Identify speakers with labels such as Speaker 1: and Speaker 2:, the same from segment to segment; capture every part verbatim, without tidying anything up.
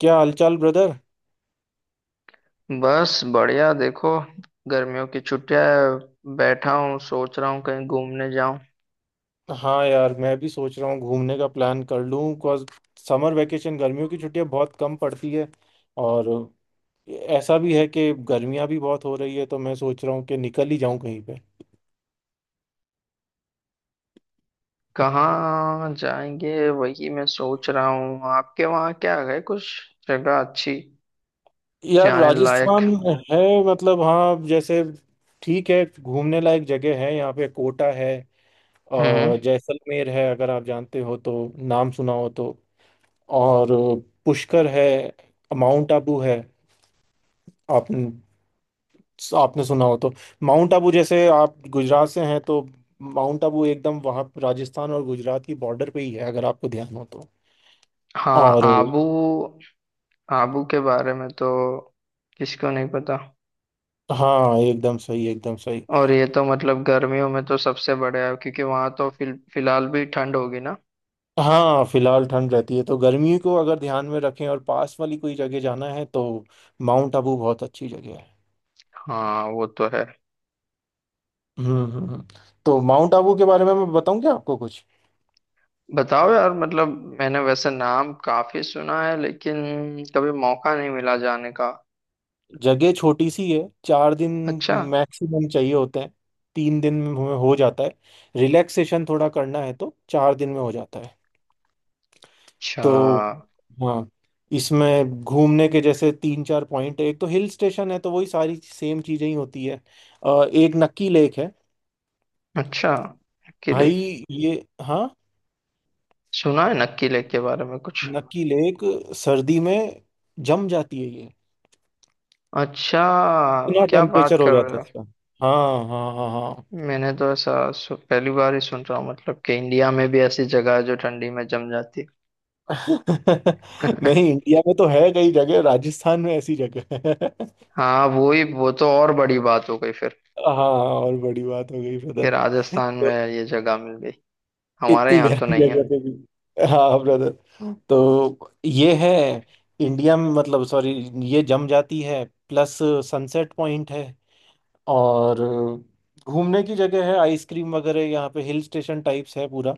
Speaker 1: क्या हालचाल, ब्रदर।
Speaker 2: बस बढ़िया देखो। गर्मियों की छुट्टियां हैं, बैठा हूँ सोच रहा हूँ कहीं घूमने जाऊं।
Speaker 1: हाँ यार, मैं भी सोच रहा हूँ घूमने का प्लान कर लूँ, बिकॉज समर वेकेशन गर्मियों की छुट्टियाँ बहुत कम पड़ती है। और ऐसा भी है कि गर्मियाँ भी बहुत हो रही है, तो मैं सोच रहा हूँ कि निकल ही जाऊँ कहीं पे।
Speaker 2: कहाँ जाएंगे वही मैं सोच रहा हूँ। आपके वहाँ क्या है कुछ जगह अच्छी
Speaker 1: यार
Speaker 2: जाने लायक?
Speaker 1: राजस्थान है। मतलब हाँ, जैसे ठीक है, घूमने लायक जगह है। यहाँ पे कोटा है,
Speaker 2: हम्म।
Speaker 1: और जैसलमेर है, अगर आप जानते हो तो, नाम सुना हो तो। और पुष्कर है, माउंट आबू है। आप आपने सुना हो तो, माउंट आबू जैसे आप गुजरात से हैं तो, माउंट आबू एकदम वहाँ राजस्थान और गुजरात की बॉर्डर पे ही है, अगर आपको ध्यान हो तो।
Speaker 2: हाँ
Speaker 1: और
Speaker 2: आबू। आबू के बारे में तो किसको नहीं पता।
Speaker 1: हाँ एकदम सही, एकदम सही।
Speaker 2: और ये तो मतलब गर्मियों में तो सबसे बढ़िया है क्योंकि वहाँ तो फिल, फिलहाल भी ठंड होगी ना।
Speaker 1: हाँ, फिलहाल ठंड रहती है, तो गर्मी को अगर ध्यान में रखें और पास वाली कोई जगह जाना है तो माउंट आबू बहुत अच्छी जगह है।
Speaker 2: हाँ वो तो है।
Speaker 1: हम्म हम्म हम्म। तो माउंट आबू के बारे में मैं बताऊं क्या आपको कुछ?
Speaker 2: बताओ यार मतलब मैंने वैसे नाम काफी सुना है लेकिन कभी मौका नहीं मिला जाने का।
Speaker 1: जगह छोटी सी है। चार दिन
Speaker 2: अच्छा।
Speaker 1: मैक्सिमम चाहिए होते हैं। तीन दिन में हमें हो जाता है, रिलैक्सेशन थोड़ा करना है तो चार दिन में हो जाता है।
Speaker 2: अच्छा।
Speaker 1: तो हाँ, इसमें घूमने के जैसे तीन चार पॉइंट है। एक तो हिल स्टेशन है, तो वही सारी सेम चीजें ही होती है। अ, एक नक्की लेक है,
Speaker 2: अच्छा। नक्की लेक।
Speaker 1: भाई ये। हाँ,
Speaker 2: सुना है नक्की लेक के बारे में कुछ?
Speaker 1: नक्की लेक सर्दी में जम जाती है ये,
Speaker 2: अच्छा।
Speaker 1: इतना
Speaker 2: क्या बात
Speaker 1: टेम्परेचर हो
Speaker 2: कर रहे
Speaker 1: जाता है
Speaker 2: हो?
Speaker 1: उसका। हाँ हाँ हाँ हाँ।
Speaker 2: मैंने तो ऐसा सु, पहली बार ही सुन रहा हूँ मतलब कि इंडिया में भी ऐसी जगह है जो ठंडी में जम जाती है।
Speaker 1: नहीं, इंडिया में तो है कई जगह, राजस्थान में ऐसी जगह है।
Speaker 2: हाँ वो ही वो तो और बड़ी बात हो गई फिर
Speaker 1: हाँ, और बड़ी बात हो गई
Speaker 2: कि
Speaker 1: ब्रदर।
Speaker 2: राजस्थान
Speaker 1: तो
Speaker 2: में ये जगह मिल गई। हमारे
Speaker 1: इतनी
Speaker 2: यहाँ तो
Speaker 1: गर्म
Speaker 2: नहीं है।
Speaker 1: जगह पे भी, हाँ ब्रदर। तो ये है, इंडिया में, मतलब सॉरी, ये जम जाती है। प्लस सनसेट पॉइंट है, और घूमने की जगह है, आइसक्रीम वगैरह। यहाँ पे हिल स्टेशन टाइप्स है पूरा।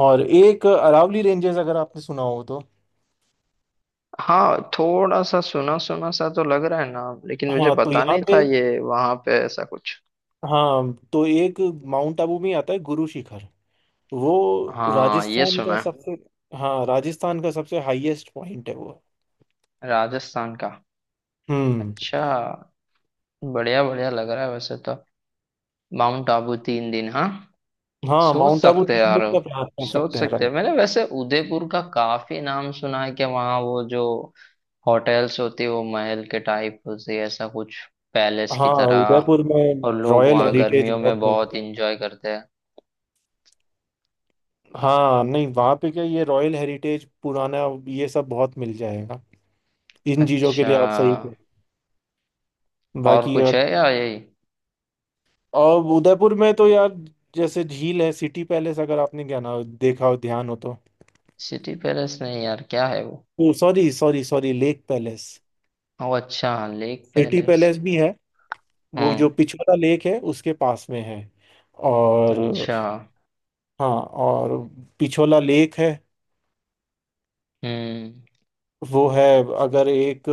Speaker 1: और एक अरावली रेंजेस, अगर आपने सुना हो तो।
Speaker 2: हाँ थोड़ा सा सुना सुना सा तो लग रहा है नाम लेकिन मुझे
Speaker 1: हाँ तो
Speaker 2: पता
Speaker 1: यहाँ
Speaker 2: नहीं था
Speaker 1: पे,
Speaker 2: ये वहां पे ऐसा कुछ।
Speaker 1: हाँ तो एक माउंट आबू में आता है गुरु शिखर। वो
Speaker 2: हाँ ये
Speaker 1: राजस्थान
Speaker 2: सुना
Speaker 1: का
Speaker 2: है।
Speaker 1: सबसे, हाँ राजस्थान का सबसे हाईएस्ट पॉइंट है वो।
Speaker 2: राजस्थान का।
Speaker 1: हम्म।
Speaker 2: अच्छा। बढ़िया बढ़िया लग रहा है वैसे तो। माउंट आबू तीन दिन, हाँ।
Speaker 1: हाँ,
Speaker 2: सोच
Speaker 1: माउंट आबू
Speaker 2: सकते हैं
Speaker 1: तीन
Speaker 2: यार।
Speaker 1: दिन का प्रयास कर
Speaker 2: सोच
Speaker 1: सकते हैं,
Speaker 2: सकते हैं।
Speaker 1: राइट।
Speaker 2: मैंने वैसे उदयपुर का काफी नाम सुना है कि वहाँ वो जो होटल्स होती है वो महल के टाइप होती है ऐसा कुछ, पैलेस की
Speaker 1: हाँ,
Speaker 2: तरह।
Speaker 1: उदयपुर में
Speaker 2: और लोग
Speaker 1: रॉयल
Speaker 2: वहाँ
Speaker 1: हेरिटेज
Speaker 2: गर्मियों में
Speaker 1: बहुत मिल
Speaker 2: बहुत
Speaker 1: जाएगा।
Speaker 2: इंजॉय करते हैं।
Speaker 1: हाँ नहीं, वहाँ पे क्या, ये रॉयल हेरिटेज पुराना, ये सब बहुत मिल जाएगा। इन चीज़ों के
Speaker 2: अच्छा।
Speaker 1: लिए आप सही थे।
Speaker 2: और
Speaker 1: बाकी
Speaker 2: कुछ
Speaker 1: और।
Speaker 2: है या यही?
Speaker 1: और उदयपुर में तो यार, जैसे झील है, सिटी पैलेस, अगर आपने क्या ना देखा हो ध्यान हो तो।
Speaker 2: City palace? नहीं यार क्या है वो?
Speaker 1: वो sorry sorry sorry, lake palace.
Speaker 2: ओ अच्छा लेक
Speaker 1: सिटी
Speaker 2: पैलेस।
Speaker 1: पैलेस भी है। वो जो
Speaker 2: हम्म।
Speaker 1: पिछोला लेक है उसके पास में है। और
Speaker 2: अच्छा।
Speaker 1: हाँ, और पिछोला लेक है।
Speaker 2: हम्म।
Speaker 1: वो है, अगर एक,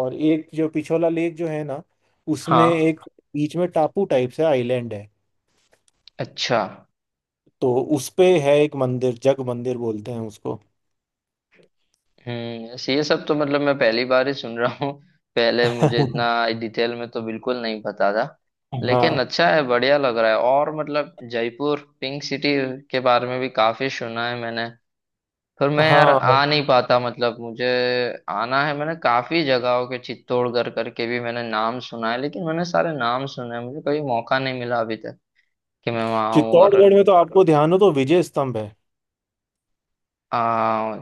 Speaker 1: और एक जो पिछोला लेक जो है ना, उसमें
Speaker 2: हाँ।
Speaker 1: एक बीच में टापू टाइप से आइलैंड है।
Speaker 2: अच्छा।
Speaker 1: तो उस पे है एक मंदिर, जग मंदिर बोलते हैं उसको।
Speaker 2: हम्म ऐसे ये सब तो मतलब मैं पहली बार ही सुन रहा हूँ। पहले मुझे इतना डिटेल में तो बिल्कुल नहीं पता था। लेकिन
Speaker 1: हाँ
Speaker 2: अच्छा है बढ़िया लग रहा है। और मतलब जयपुर पिंक सिटी के बारे में भी काफी सुना है मैंने। फिर मैं यार
Speaker 1: हाँ।
Speaker 2: आ नहीं पाता, मतलब मुझे आना है। मैंने काफी जगहों के चित्तौड़गढ़ करके भी मैंने नाम सुना है। लेकिन मैंने सारे नाम सुने हैं, मुझे कभी मौका नहीं मिला अभी तक कि मैं वहां आऊं और।
Speaker 1: चित्तौड़गढ़ में तो आपको ध्यान हो तो विजय स्तंभ है।
Speaker 2: आ,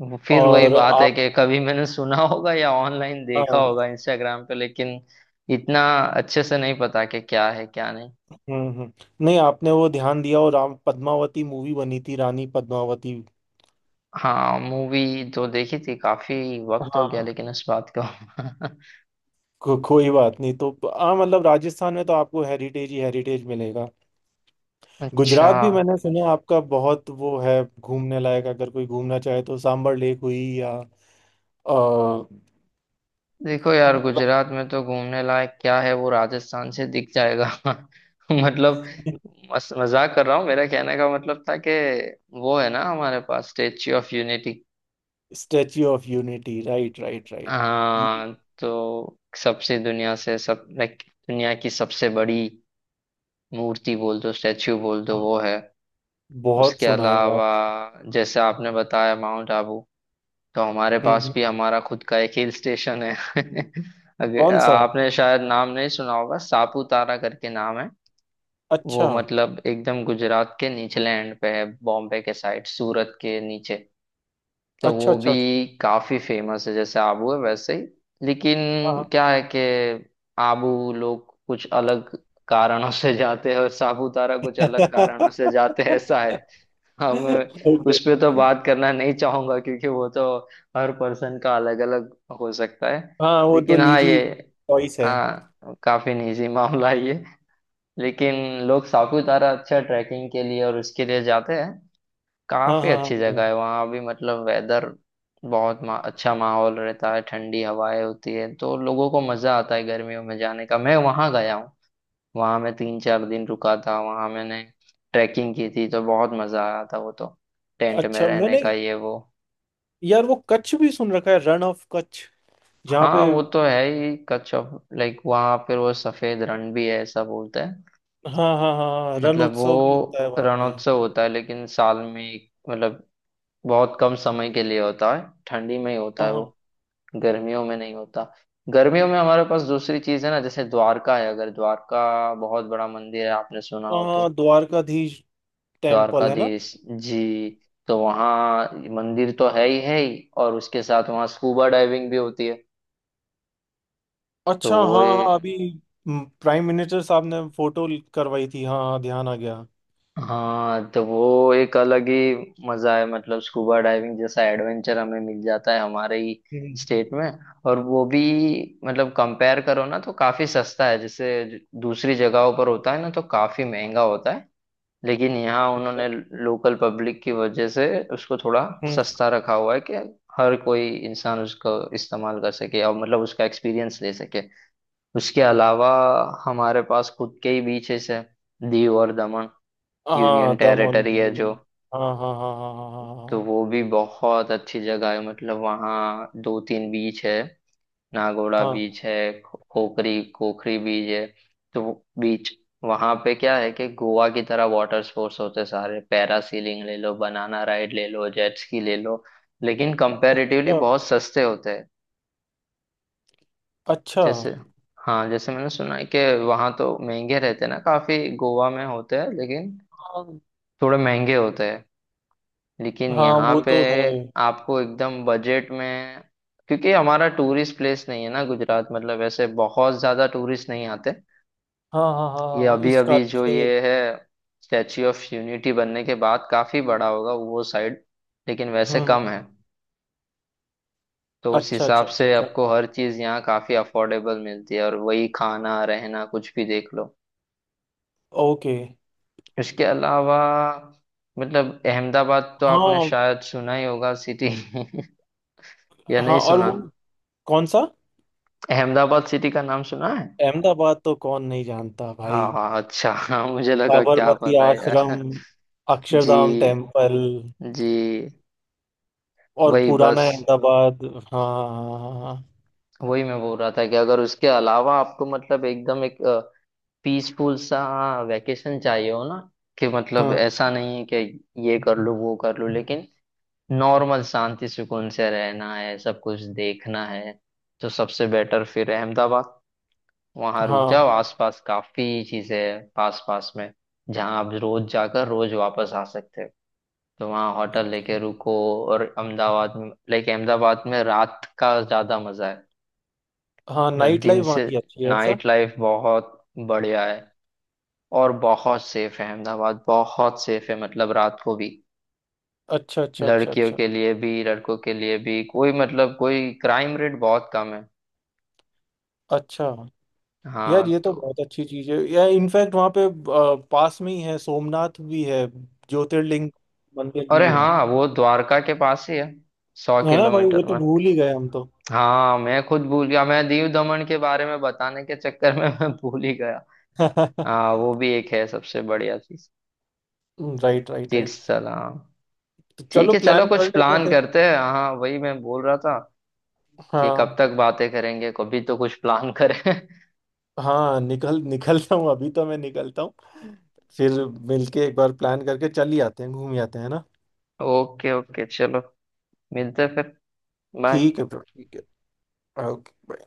Speaker 2: वो फिर वही
Speaker 1: और
Speaker 2: बात है
Speaker 1: आप,
Speaker 2: कि कभी मैंने सुना होगा या ऑनलाइन देखा
Speaker 1: हाँ।
Speaker 2: होगा इंस्टाग्राम पे, लेकिन इतना अच्छे से नहीं पता कि क्या है क्या नहीं।
Speaker 1: हम्म हम्म। नहीं, आपने वो ध्यान दिया, और राम पद्मावती मूवी बनी थी, रानी पद्मावती।
Speaker 2: हाँ मूवी तो देखी थी। काफी वक्त हो गया
Speaker 1: हाँ
Speaker 2: लेकिन इस बात को।
Speaker 1: को, कोई बात नहीं। तो हाँ, मतलब राजस्थान में तो आपको हेरिटेज ही हेरिटेज मिलेगा।
Speaker 2: अच्छा।
Speaker 1: गुजरात भी मैंने सुना आपका बहुत वो है घूमने लायक, अगर कोई घूमना चाहे तो सांबर लेक हुई या।
Speaker 2: देखो यार गुजरात में तो घूमने लायक क्या है, वो राजस्थान से दिख जाएगा। मतलब मस, मजाक कर रहा हूँ। मेरा कहने का मतलब था कि वो है ना हमारे पास statue of unity.
Speaker 1: Statue of unity, right right right. ये
Speaker 2: हाँ तो सबसे दुनिया से सब लाइक, दुनिया की सबसे बड़ी मूर्ति बोल दो स्टेच्यू बोल दो, वो है।
Speaker 1: बहुत
Speaker 2: उसके
Speaker 1: सुना है यार।
Speaker 2: अलावा जैसे आपने बताया माउंट आबू, तो हमारे
Speaker 1: हम्म
Speaker 2: पास
Speaker 1: हम्म।
Speaker 2: भी हमारा खुद का एक हिल स्टेशन है। अगर
Speaker 1: कौन सा?
Speaker 2: आपने शायद नाम नहीं सुना होगा, सापुतारा करके नाम है।
Speaker 1: अच्छा
Speaker 2: वो मतलब एकदम गुजरात के निचले एंड पे है, बॉम्बे के साइड सूरत के नीचे। तो
Speaker 1: अच्छा
Speaker 2: वो
Speaker 1: अच्छा अच्छा।
Speaker 2: भी काफी फेमस है जैसे आबू है वैसे ही। लेकिन
Speaker 1: हाँ
Speaker 2: क्या है कि आबू लोग कुछ अलग कारणों से जाते हैं और सापुतारा कुछ अलग कारणों से जाते हैं ऐसा। हम।
Speaker 1: ओके।
Speaker 2: उस पे तो बात करना नहीं चाहूंगा क्योंकि वो तो हर पर्सन का अलग अलग हो सकता है।
Speaker 1: हाँ, वो तो
Speaker 2: लेकिन हाँ
Speaker 1: निजी
Speaker 2: ये,
Speaker 1: चॉइस है।
Speaker 2: हाँ काफी निजी मामला है ये। लेकिन लोग सापुतारा अच्छा ट्रैकिंग के लिए और उसके लिए जाते हैं।
Speaker 1: हाँ
Speaker 2: काफी
Speaker 1: हाँ हाँ
Speaker 2: अच्छी
Speaker 1: हाँ।
Speaker 2: जगह है वहाँ भी। मतलब वेदर बहुत मा, अच्छा माहौल रहता है। ठंडी हवाएं होती है तो लोगों को मजा आता है गर्मियों में जाने का। मैं वहां गया हूँ। वहां मैं तीन चार दिन रुका था। वहां मैंने ट्रैकिंग की थी तो बहुत मजा आया था, वो तो टेंट में
Speaker 1: अच्छा
Speaker 2: रहने
Speaker 1: मैंने,
Speaker 2: का ये वो।
Speaker 1: यार वो कच्छ भी सुन रखा है, रन ऑफ कच्छ, जहाँ पे।
Speaker 2: हाँ वो तो है ही, कच्छ ऑफ लाइक, वहां फिर वो सफेद रण भी है ऐसा बोलते हैं।
Speaker 1: हाँ हाँ हाँ हाँ, रन
Speaker 2: मतलब
Speaker 1: उत्सव भी होता
Speaker 2: वो
Speaker 1: है वहाँ पे।
Speaker 2: रणोत्सव होता है लेकिन साल में एक- मतलब बहुत कम समय के लिए होता है, ठंडी में ही होता
Speaker 1: हाँ
Speaker 2: है वो,
Speaker 1: हाँ
Speaker 2: गर्मियों में नहीं होता। गर्मियों में हमारे पास दूसरी चीज है ना, जैसे द्वारका है। अगर द्वारका, बहुत बड़ा मंदिर है आपने सुना
Speaker 1: हाँ,
Speaker 2: हो
Speaker 1: हाँ,
Speaker 2: तो,
Speaker 1: द्वारकाधीश टेम्पल है ना।
Speaker 2: द्वारकाधीश जी। तो वहाँ मंदिर तो है ही है ही, और उसके साथ वहाँ स्कूबा डाइविंग भी होती है। तो
Speaker 1: अच्छा
Speaker 2: वो
Speaker 1: हाँ हाँ,
Speaker 2: ए-,
Speaker 1: अभी प्राइम मिनिस्टर साहब ने फोटो करवाई थी, हाँ हाँ ध्यान आ गया।
Speaker 2: हाँ तो वो एक अलग ही मजा है। मतलब स्कूबा डाइविंग जैसा एडवेंचर हमें मिल जाता है हमारे ही
Speaker 1: हम्म
Speaker 2: स्टेट में। और वो भी मतलब कंपेयर करो ना तो काफी सस्ता है। जैसे दूसरी जगहों पर होता है ना तो काफी महंगा होता है, लेकिन यहाँ उन्होंने लोकल पब्लिक की वजह से उसको थोड़ा
Speaker 1: हम्म,
Speaker 2: सस्ता रखा हुआ है कि हर कोई इंसान उसको इस्तेमाल कर सके और मतलब उसका एक्सपीरियंस ले सके। उसके अलावा हमारे पास खुद के ही बीचेस है, दीव और दमन, यूनियन
Speaker 1: हाँ दम ऑन
Speaker 2: टेरिटरी है जो।
Speaker 1: दीव। हाँ हाँ हाँ हाँ हाँ
Speaker 2: तो
Speaker 1: हाँ
Speaker 2: वो भी बहुत अच्छी जगह है। मतलब वहाँ दो तीन बीच है, नागोड़ा
Speaker 1: हाँ हाँ,
Speaker 2: बीच है, खो- खोखरी खोखरी बीच है। तो वो बीच वहां पे क्या है कि गोवा की तरह वाटर स्पोर्ट्स होते सारे, पैरासीलिंग ले लो, बनाना राइड ले लो, जेट स्की ले लो, लेकिन कंपैरेटिवली
Speaker 1: अच्छा
Speaker 2: बहुत सस्ते होते हैं।
Speaker 1: अच्छा।
Speaker 2: जैसे, हाँ जैसे मैंने सुना है कि वहाँ तो महंगे रहते हैं ना काफी गोवा में होते हैं, लेकिन
Speaker 1: हाँ
Speaker 2: थोड़े महंगे होते हैं। लेकिन
Speaker 1: हाँ,
Speaker 2: यहाँ
Speaker 1: वो
Speaker 2: पे
Speaker 1: तो है।
Speaker 2: आपको एकदम बजट में, क्योंकि हमारा टूरिस्ट प्लेस नहीं है ना गुजरात, मतलब ऐसे बहुत ज्यादा टूरिस्ट नहीं आते।
Speaker 1: हाँ हाँ हाँ
Speaker 2: ये
Speaker 1: हाँ, हाँ,
Speaker 2: अभी
Speaker 1: इस
Speaker 2: अभी
Speaker 1: कारण
Speaker 2: जो
Speaker 1: से।
Speaker 2: ये है स्टैच्यू ऑफ यूनिटी बनने के बाद काफी बड़ा होगा वो साइड, लेकिन
Speaker 1: हम्म
Speaker 2: वैसे
Speaker 1: हम्म,
Speaker 2: कम है।
Speaker 1: हम्म।
Speaker 2: तो उस
Speaker 1: अच्छा
Speaker 2: हिसाब
Speaker 1: अच्छा अच्छा
Speaker 2: से
Speaker 1: अच्छा।
Speaker 2: आपको हर चीज यहाँ काफी अफोर्डेबल मिलती है, और वही खाना रहना कुछ भी देख लो।
Speaker 1: ओके।
Speaker 2: इसके अलावा मतलब अहमदाबाद तो आपने
Speaker 1: हाँ
Speaker 2: शायद सुना ही होगा, सिटी। या नहीं
Speaker 1: हाँ और
Speaker 2: सुना?
Speaker 1: वो, कौन सा?
Speaker 2: अहमदाबाद सिटी का नाम सुना है?
Speaker 1: अहमदाबाद तो कौन नहीं जानता भाई।
Speaker 2: हाँ हाँ अच्छा। हाँ मुझे लगा क्या
Speaker 1: साबरमती
Speaker 2: पता है
Speaker 1: आश्रम,
Speaker 2: यार। जी।
Speaker 1: अक्षरधाम टेम्पल,
Speaker 2: जी।
Speaker 1: और
Speaker 2: वही
Speaker 1: पुराना
Speaker 2: बस।
Speaker 1: अहमदाबाद। हाँ हाँ।
Speaker 2: वही मैं बोल रहा था कि अगर उसके अलावा आपको मतलब एकदम एक पीसफुल सा वैकेशन चाहिए हो ना, कि मतलब
Speaker 1: हाँ
Speaker 2: ऐसा नहीं है कि ये कर लूँ वो कर लूँ, लेकिन नॉर्मल शांति सुकून से रहना है सब कुछ देखना है, तो सबसे बेटर फिर अहमदाबाद। वहाँ रुक जाओ,
Speaker 1: हाँ
Speaker 2: आसपास काफी चीजें हैं पास पास में जहाँ आप रोज जाकर रोज वापस आ सकते हो। तो वहाँ होटल
Speaker 1: हाँ
Speaker 2: लेके रुको। और अहमदाबाद में लाइक अहमदाबाद में रात का ज्यादा मजा है।
Speaker 1: हाँ
Speaker 2: मतलब
Speaker 1: नाइट
Speaker 2: दिन
Speaker 1: लाइफ वहाँ
Speaker 2: से
Speaker 1: की अच्छी है ऐसा।
Speaker 2: नाइट लाइफ बहुत बढ़िया है। और बहुत सेफ है अहमदाबाद, बहुत सेफ है मतलब रात को भी।
Speaker 1: अच्छा अच्छा अच्छा
Speaker 2: लड़कियों
Speaker 1: अच्छा।
Speaker 2: के लिए भी लड़कों के लिए भी, कोई मतलब कोई क्राइम रेट बहुत कम है।
Speaker 1: अच्छा, यार
Speaker 2: हाँ
Speaker 1: ये तो
Speaker 2: तो।
Speaker 1: बहुत अच्छी चीज है यार। इनफैक्ट वहाँ पे अ, पास में ही है, सोमनाथ भी है, ज्योतिर्लिंग मंदिर
Speaker 2: अरे
Speaker 1: भी है।
Speaker 2: हाँ वो द्वारका के पास ही है, सौ
Speaker 1: है ना भाई, वो
Speaker 2: किलोमीटर
Speaker 1: तो
Speaker 2: में।
Speaker 1: भूल ही गए हम तो।
Speaker 2: हाँ मैं खुद भूल गया। मैं दीव दमन के बारे में बताने के चक्कर में मैं भूल ही गया। हाँ वो भी एक है सबसे बढ़िया चीज,
Speaker 1: राइट राइट
Speaker 2: तीर्थ
Speaker 1: राइट।
Speaker 2: स्थल, हाँ।
Speaker 1: तो
Speaker 2: ठीक
Speaker 1: चलो
Speaker 2: है चलो
Speaker 1: प्लान कर
Speaker 2: कुछ
Speaker 1: लेते हैं
Speaker 2: प्लान
Speaker 1: फिर।
Speaker 2: करते हैं। हाँ वही मैं बोल रहा था कि कब
Speaker 1: हाँ,
Speaker 2: तक बातें करेंगे, कभी तो कुछ प्लान करें।
Speaker 1: हाँ निकल निकलता हूँ, अभी तो मैं निकलता हूँ। फिर मिलके एक बार प्लान करके चल ही आते हैं, घूम ही आते हैं ना।
Speaker 2: ओके ओके चलो। मिलते हैं फिर। बाय।
Speaker 1: ठीक है ब्रो, ठीक है। ओके।